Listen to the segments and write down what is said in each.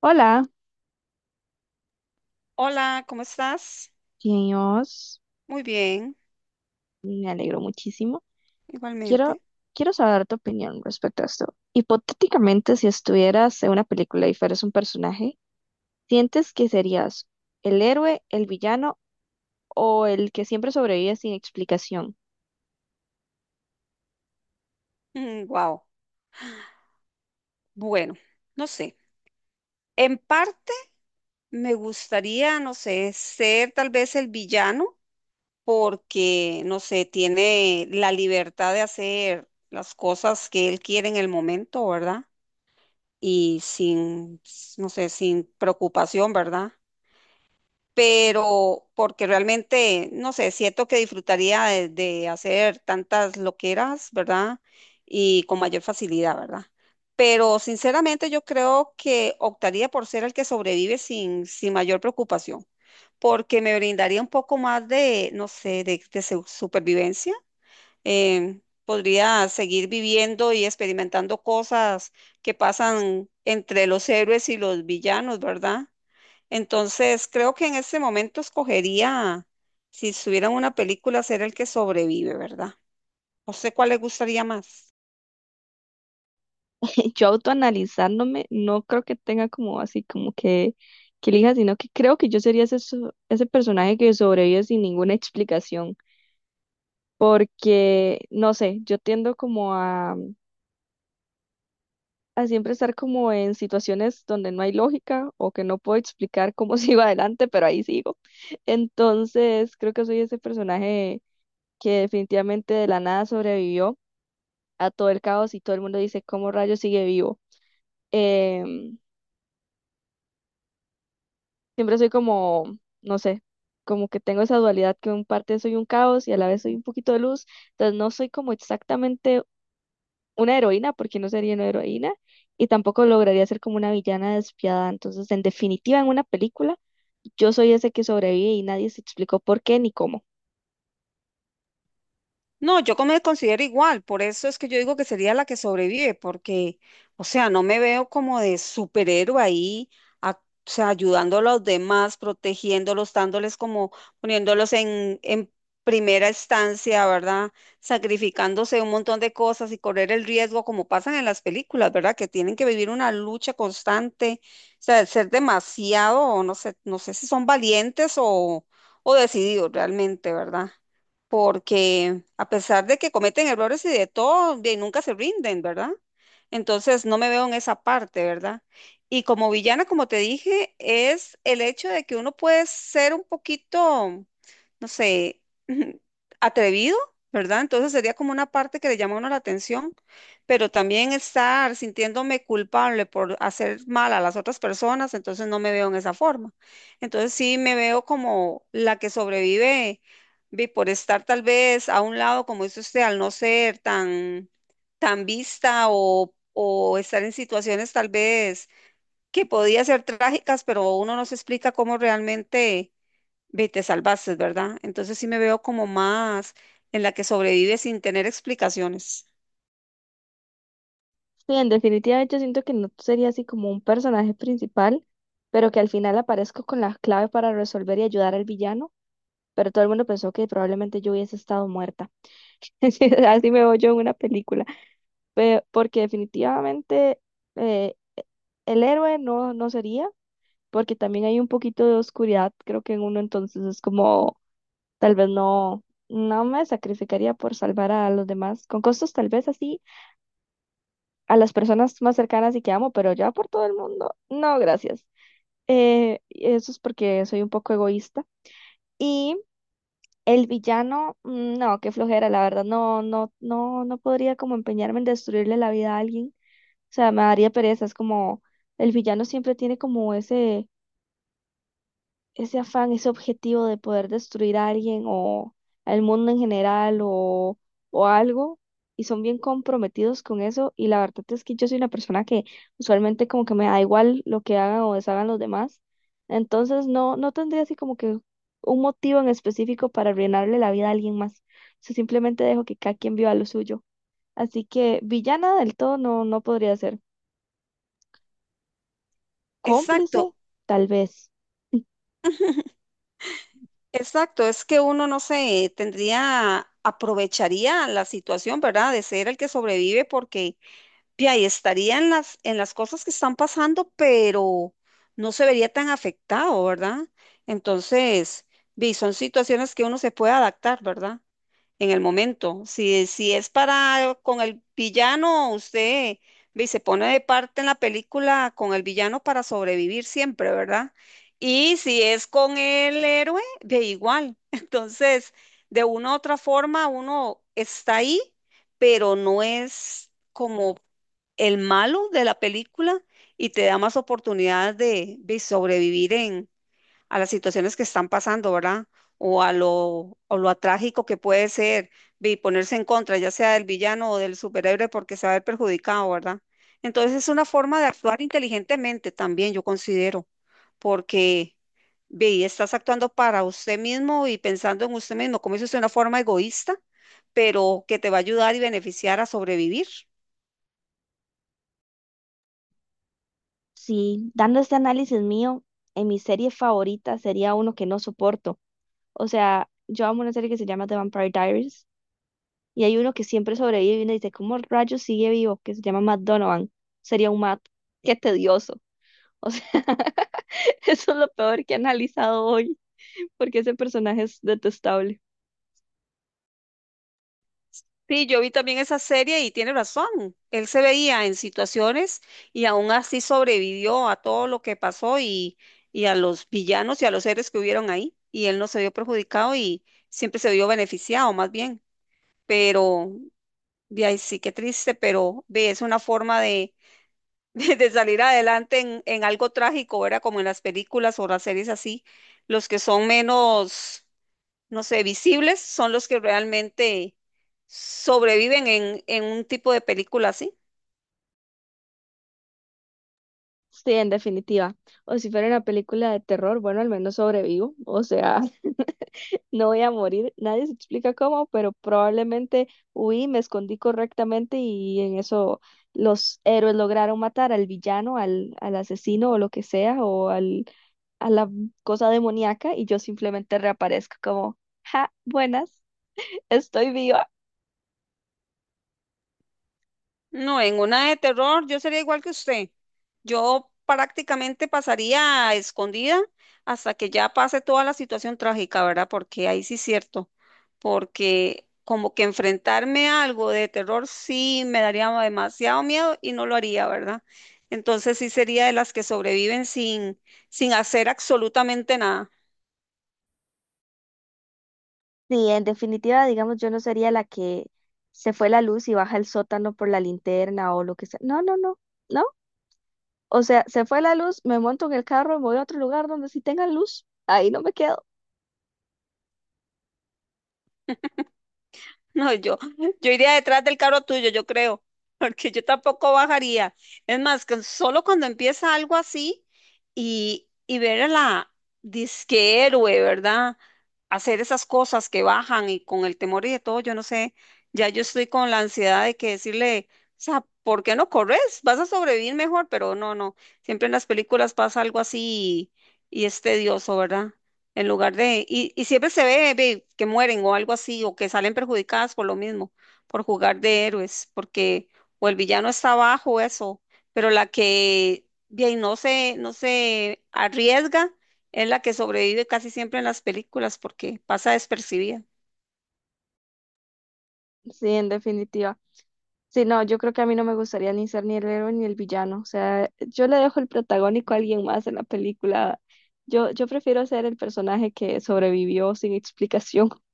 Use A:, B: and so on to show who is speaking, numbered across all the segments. A: Hola,
B: Hola, ¿cómo estás?
A: Dios,
B: Muy bien,
A: me alegro muchísimo. Quiero,
B: igualmente.
A: quiero saber tu opinión respecto a esto. Hipotéticamente, si estuvieras en una película y fueras un personaje, ¿sientes que serías el héroe, el villano o el que siempre sobrevive sin explicación?
B: Wow. Bueno, no sé. En parte me gustaría, no sé, ser tal vez el villano porque, no sé, tiene la libertad de hacer las cosas que él quiere en el momento, ¿verdad? Y sin, no sé, sin preocupación, ¿verdad? Pero porque realmente, no sé, siento que disfrutaría de hacer tantas loqueras, ¿verdad? Y con mayor facilidad, ¿verdad? Pero sinceramente yo creo que optaría por ser el que sobrevive sin mayor preocupación, porque me brindaría un poco más de, no sé, de, de supervivencia. Podría seguir viviendo y experimentando cosas que pasan entre los héroes y los villanos, ¿verdad? Entonces, creo que en ese momento escogería, si estuvieran una película, ser el que sobrevive, ¿verdad? ¿A usted cuál le gustaría más?
A: Yo autoanalizándome, no creo que tenga como así como que elija, sino que creo que yo sería ese personaje que sobrevive sin ninguna explicación. Porque, no sé, yo tiendo como a siempre estar como en situaciones donde no hay lógica o que no puedo explicar cómo sigo adelante, pero ahí sigo. Entonces, creo que soy ese personaje que definitivamente de la nada sobrevivió a todo el caos y todo el mundo dice, ¿cómo rayos sigue vivo? Em, Siempre soy como, no sé, como que tengo esa dualidad que en parte soy un caos y a la vez soy un poquito de luz, entonces no soy como exactamente una heroína, porque no sería una heroína, y tampoco lograría ser como una villana despiadada. Entonces, en definitiva, en una película, yo soy ese que sobrevive y nadie se explicó por qué ni cómo.
B: No, yo como me considero igual, por eso es que yo digo que sería la que sobrevive, porque, o sea, no me veo como de superhéroe ahí, o sea, ayudando a los demás, protegiéndolos, dándoles como, poniéndolos en primera instancia, ¿verdad? Sacrificándose un montón de cosas y correr el riesgo, como pasan en las películas, ¿verdad? Que tienen que vivir una lucha constante, o sea, ser demasiado, no sé, no sé si son valientes o decididos realmente, ¿verdad? Porque a pesar de que cometen errores y de todo, de nunca se rinden, ¿verdad? Entonces no me veo en esa parte, ¿verdad? Y como villana, como te dije, es el hecho de que uno puede ser un poquito, no sé, atrevido, ¿verdad? Entonces sería como una parte que le llama a uno la atención, pero también estar sintiéndome culpable por hacer mal a las otras personas, entonces no me veo en esa forma. Entonces sí me veo como la que sobrevive. Ve, por estar tal vez a un lado, como dice usted, al no ser tan vista o estar en situaciones tal vez que podía ser trágicas, pero uno no se explica cómo realmente ve, te salvaste, ¿verdad? Entonces sí me veo como más en la que sobrevive sin tener explicaciones.
A: Sí, en definitiva, yo siento que no sería así como un personaje principal, pero que al final aparezco con la clave para resolver y ayudar al villano, pero todo el mundo pensó que probablemente yo hubiese estado muerta. Así me veo yo en una película, porque definitivamente eh, el héroe no, no sería. Porque también hay un poquito de oscuridad, creo que en uno entonces es como, tal vez no, no me sacrificaría por salvar a los demás, con costos tal vez así, a las personas más cercanas y que amo, pero ya por todo el mundo, no, gracias. Eso es porque soy un poco egoísta. Y el villano, mm, no, qué flojera, la verdad, no, no, no, no podría como empeñarme en destruirle la vida a alguien, o sea, me daría pereza, es como, el villano siempre tiene como ese afán, ese objetivo de poder destruir a alguien o al mundo en general o algo, y son bien comprometidos con eso, y la verdad es que yo soy una persona que usualmente como que me da igual lo que hagan o deshagan los demás, entonces no tendría así como que un motivo en específico para arruinarle la vida a alguien más, o sea, simplemente dejo que cada quien viva lo suyo, así que villana del todo no podría ser,
B: Exacto,
A: cómplice, tal vez.
B: exacto. Es que uno, no sé, tendría, aprovecharía la situación, ¿verdad? De ser el que sobrevive porque y ahí estaría en las cosas que están pasando, pero no se vería tan afectado, ¿verdad? Entonces, vi, son situaciones que uno se puede adaptar, ¿verdad? En el momento. Si es para con el villano, usted ve, se pone de parte en la película con el villano para sobrevivir siempre, ¿verdad? Y si es con el héroe, de igual. Entonces, de una u otra forma, uno está ahí, pero no es como el malo de la película y te da más oportunidades de sobrevivir en a las situaciones que están pasando, ¿verdad? O a lo, o lo trágico que puede ser y ponerse en contra, ya sea del villano o del superhéroe, porque se va a ver perjudicado, ¿verdad? Entonces es una forma de actuar inteligentemente también, yo considero, porque ve, estás actuando para usted mismo y pensando en usted mismo, como dice usted, una forma egoísta, pero que te va a ayudar y beneficiar a sobrevivir.
A: Sí, dando este análisis mío, en mi serie favorita sería uno que no soporto. O sea, yo amo una serie que se llama The Vampire Diaries y hay uno que siempre sobrevive y uno dice, ¿cómo rayos sigue vivo? Que se llama Matt Donovan. Sería un Matt. Qué tedioso. O sea, eso es lo peor que he analizado hoy porque ese personaje es detestable.
B: Sí, yo vi también esa serie y tiene razón. Él se veía en situaciones y aún así sobrevivió a todo lo que pasó y a los villanos y a los seres que hubieron ahí. Y él no se vio perjudicado y siempre se vio beneficiado, más bien. Pero, de ahí sí, qué triste, pero ve, es una forma de, de salir adelante en algo trágico, ¿verdad? Como en las películas o las series así, los que son menos, no sé, visibles son los que realmente sobreviven en un tipo de película así.
A: Sí, en definitiva. O si fuera una película de terror, bueno, al menos sobrevivo. O sea, no voy a morir. Nadie se explica cómo, pero probablemente huí, me escondí correctamente y en eso los héroes lograron matar al villano, al asesino o lo que sea, a la cosa demoníaca y yo simplemente reaparezco como, ja, buenas, estoy viva.
B: No, en una de terror yo sería igual que usted. Yo prácticamente pasaría escondida hasta que ya pase toda la situación trágica, ¿verdad? Porque ahí sí es cierto, porque como que enfrentarme a algo de terror sí me daría demasiado miedo y no lo haría, ¿verdad? Entonces sí sería de las que sobreviven sin hacer absolutamente nada.
A: Sí, en definitiva, digamos, yo no sería la que se fue la luz y baja el sótano por la linterna o lo que sea. No, no, no. No, o sea, se fue la luz, me monto en el carro, me voy a otro lugar donde sí tenga luz, ahí no me quedo.
B: No, yo iría detrás del carro tuyo, yo creo, porque yo tampoco bajaría. Es más, que solo cuando empieza algo así y ver a la disque héroe, ¿verdad? Hacer esas cosas que bajan y con el temor y de todo, yo no sé, ya yo estoy con la ansiedad de que decirle, o sea, ¿por qué no corres? Vas a sobrevivir mejor, pero no, no, siempre en las películas pasa algo así y es tedioso, ¿verdad? En lugar de, y siempre se ve, ve que mueren o algo así, o que salen perjudicadas por lo mismo, por jugar de héroes, porque o el villano está abajo, eso, pero la que bien no se, no se arriesga es la que sobrevive casi siempre en las películas porque pasa despercibida.
A: Sí, en definitiva. Sí, no, yo creo que a mí no me gustaría ni ser ni el héroe ni el villano. O sea, yo le dejo el protagónico a alguien más en la película. Yo prefiero ser el personaje que sobrevivió sin explicación.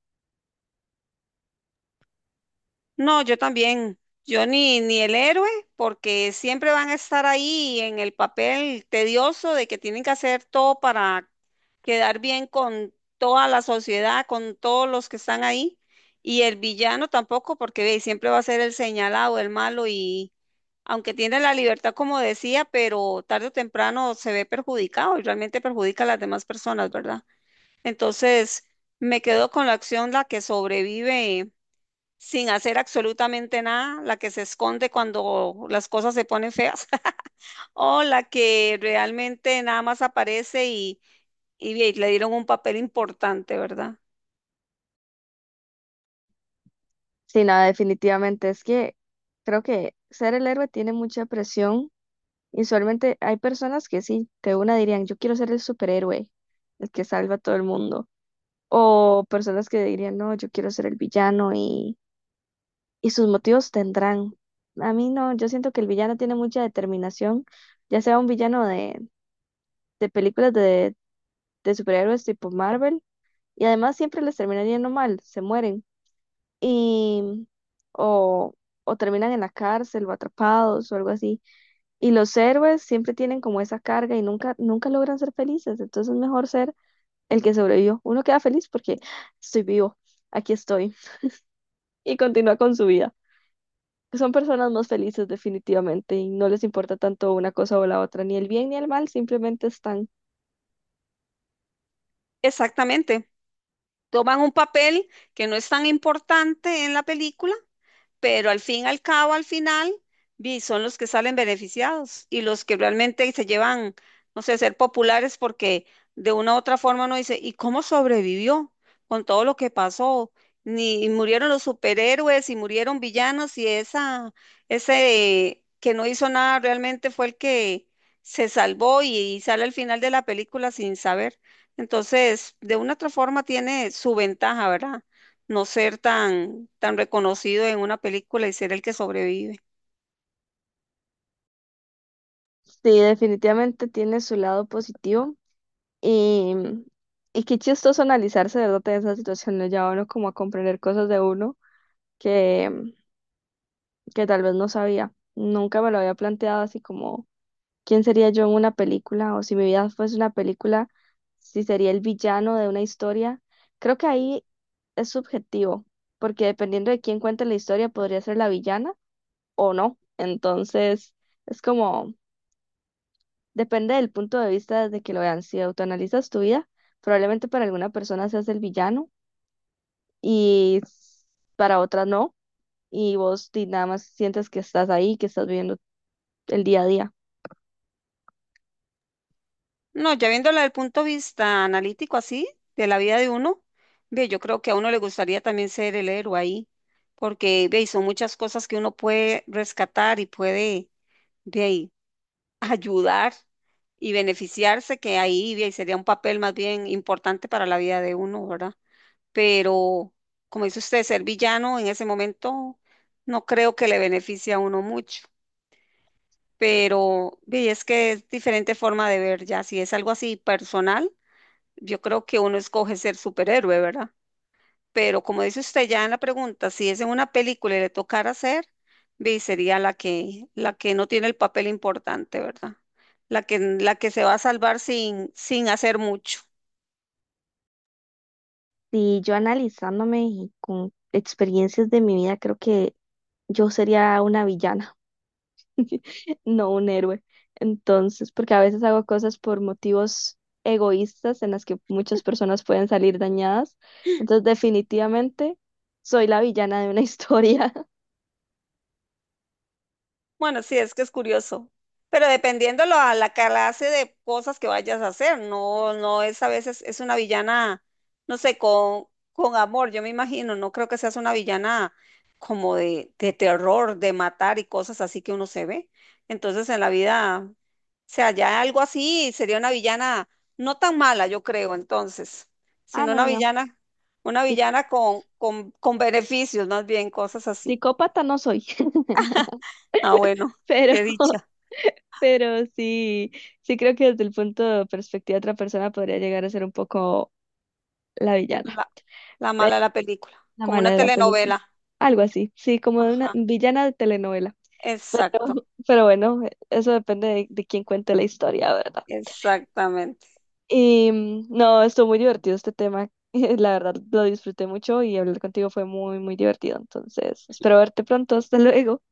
B: No, yo también. Yo ni, ni el héroe, porque siempre van a estar ahí en el papel tedioso de que tienen que hacer todo para quedar bien con toda la sociedad, con todos los que están ahí. Y el villano tampoco, porque ve, siempre va a ser el señalado, el malo, y aunque tiene la libertad, como decía, pero tarde o temprano se ve perjudicado y realmente perjudica a las demás personas, ¿verdad? Entonces, me quedo con la acción, la que sobrevive sin hacer absolutamente nada, la que se esconde cuando las cosas se ponen feas, o la que realmente nada más aparece y ve, le dieron un papel importante, ¿verdad?
A: Sí, nada, definitivamente. Es que creo que ser el héroe tiene mucha presión. Y usualmente hay personas que sí, de una dirían, yo quiero ser el superhéroe, el que salva a todo el mundo. O personas que dirían, no, yo quiero ser el y sus motivos tendrán. A mí no, yo siento que el villano tiene mucha determinación, ya sea un villano de películas de superhéroes tipo Marvel, y además siempre les termina yendo mal, se mueren. Y, o, o terminan en la cárcel o atrapados o algo así. Y los héroes siempre tienen como esa carga y nunca, nunca logran ser felices. Entonces es mejor ser el que sobrevivió. Uno queda feliz porque estoy vivo, aquí estoy, y continúa con su vida. Son personas más felices definitivamente y no les importa tanto una cosa o la otra, ni el bien ni el mal, simplemente están.
B: Exactamente. Toman un papel que no es tan importante en la película, pero al fin y al cabo, al final, vi, son los que salen beneficiados y los que realmente se llevan, no sé, ser populares porque de una u otra forma uno dice, ¿y cómo sobrevivió con todo lo que pasó? Ni y murieron los superhéroes y murieron villanos y esa, ese que no hizo nada realmente fue el que se salvó y sale al final de la película sin saber. Entonces, de una u otra forma tiene su ventaja, ¿verdad? No ser tan reconocido en una película y ser el que sobrevive.
A: Sí, definitivamente tiene su lado positivo y, y qué chistoso analizarse, de ¿verdad? En esa situación ya lleva uno como a comprender cosas de uno que, que tal vez no sabía. Nunca me lo había planteado así como ¿quién sería yo en una película? O si mi vida fuese una película, si sería el villano de una historia. Creo que ahí es subjetivo, porque dependiendo de quién cuente la historia, podría ser la villana o no. Entonces, es como, depende del punto de vista desde que lo vean. Si autoanalizas tu vida, probablemente para alguna persona seas el villano y s- para otra no. Y vos di, nada más sientes que estás ahí, que estás viviendo el día a día.
B: No, ya viéndola desde el punto de vista analítico así, de la vida de uno, ve, yo creo que a uno le gustaría también ser el héroe ahí, porque ve, son muchas cosas que uno puede rescatar y puede ve, ahí, ayudar y beneficiarse, que ahí ve, ahí sería un papel más bien importante para la vida de uno, ¿verdad? Pero, como dice usted, ser villano en ese momento no creo que le beneficie a uno mucho. Pero ve, es que es diferente forma de ver ya. Si es algo así personal, yo creo que uno escoge ser superhéroe, ¿verdad? Pero como dice usted ya en la pregunta, si es en una película y le tocara ser, ve, sería la que no tiene el papel importante, ¿verdad? La que se va a salvar sin hacer mucho.
A: Y yo analizándome y con experiencias de mi vida, creo que yo sería una villana, no un héroe. Entonces, porque a veces hago cosas por motivos egoístas en las que muchas personas pueden salir dañadas. Entonces, definitivamente soy la villana de una historia.
B: Bueno, sí, es que es curioso. Pero dependiendo lo, a la clase de cosas que vayas a hacer, no, no es a veces, es una villana, no sé, con amor, yo me imagino, no creo que seas una villana como de terror, de matar y cosas así que uno se ve. Entonces en la vida, o sea, ya algo así sería una villana no tan mala, yo creo, entonces,
A: Ah,
B: sino
A: no, no. No.
B: una
A: Sí,
B: villana con beneficios, más bien, cosas así.
A: psicópata no soy,
B: Ah, bueno,
A: pero,
B: qué dicha.
A: pero sí, sí creo que desde el punto de perspectiva de otra persona podría llegar a ser un poco la villana,
B: La, la
A: pero
B: mala de la película,
A: la
B: como
A: mala
B: una
A: de la película.
B: telenovela.
A: Algo así, sí, como de una
B: Ajá,
A: villana de telenovela.
B: exacto,
A: Pero bueno, eso depende de quién cuente la historia, ¿verdad?
B: exactamente.
A: Y mm, no, estuvo muy divertido este tema. La verdad, lo disfruté mucho y hablar contigo fue muy divertido. Entonces, espero verte pronto. Hasta luego.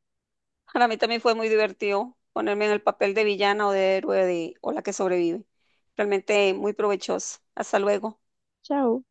B: Para mí también fue muy divertido ponerme en el papel de villana o de héroe de- o la que sobrevive. Realmente muy provechoso. Hasta luego.
A: Chao.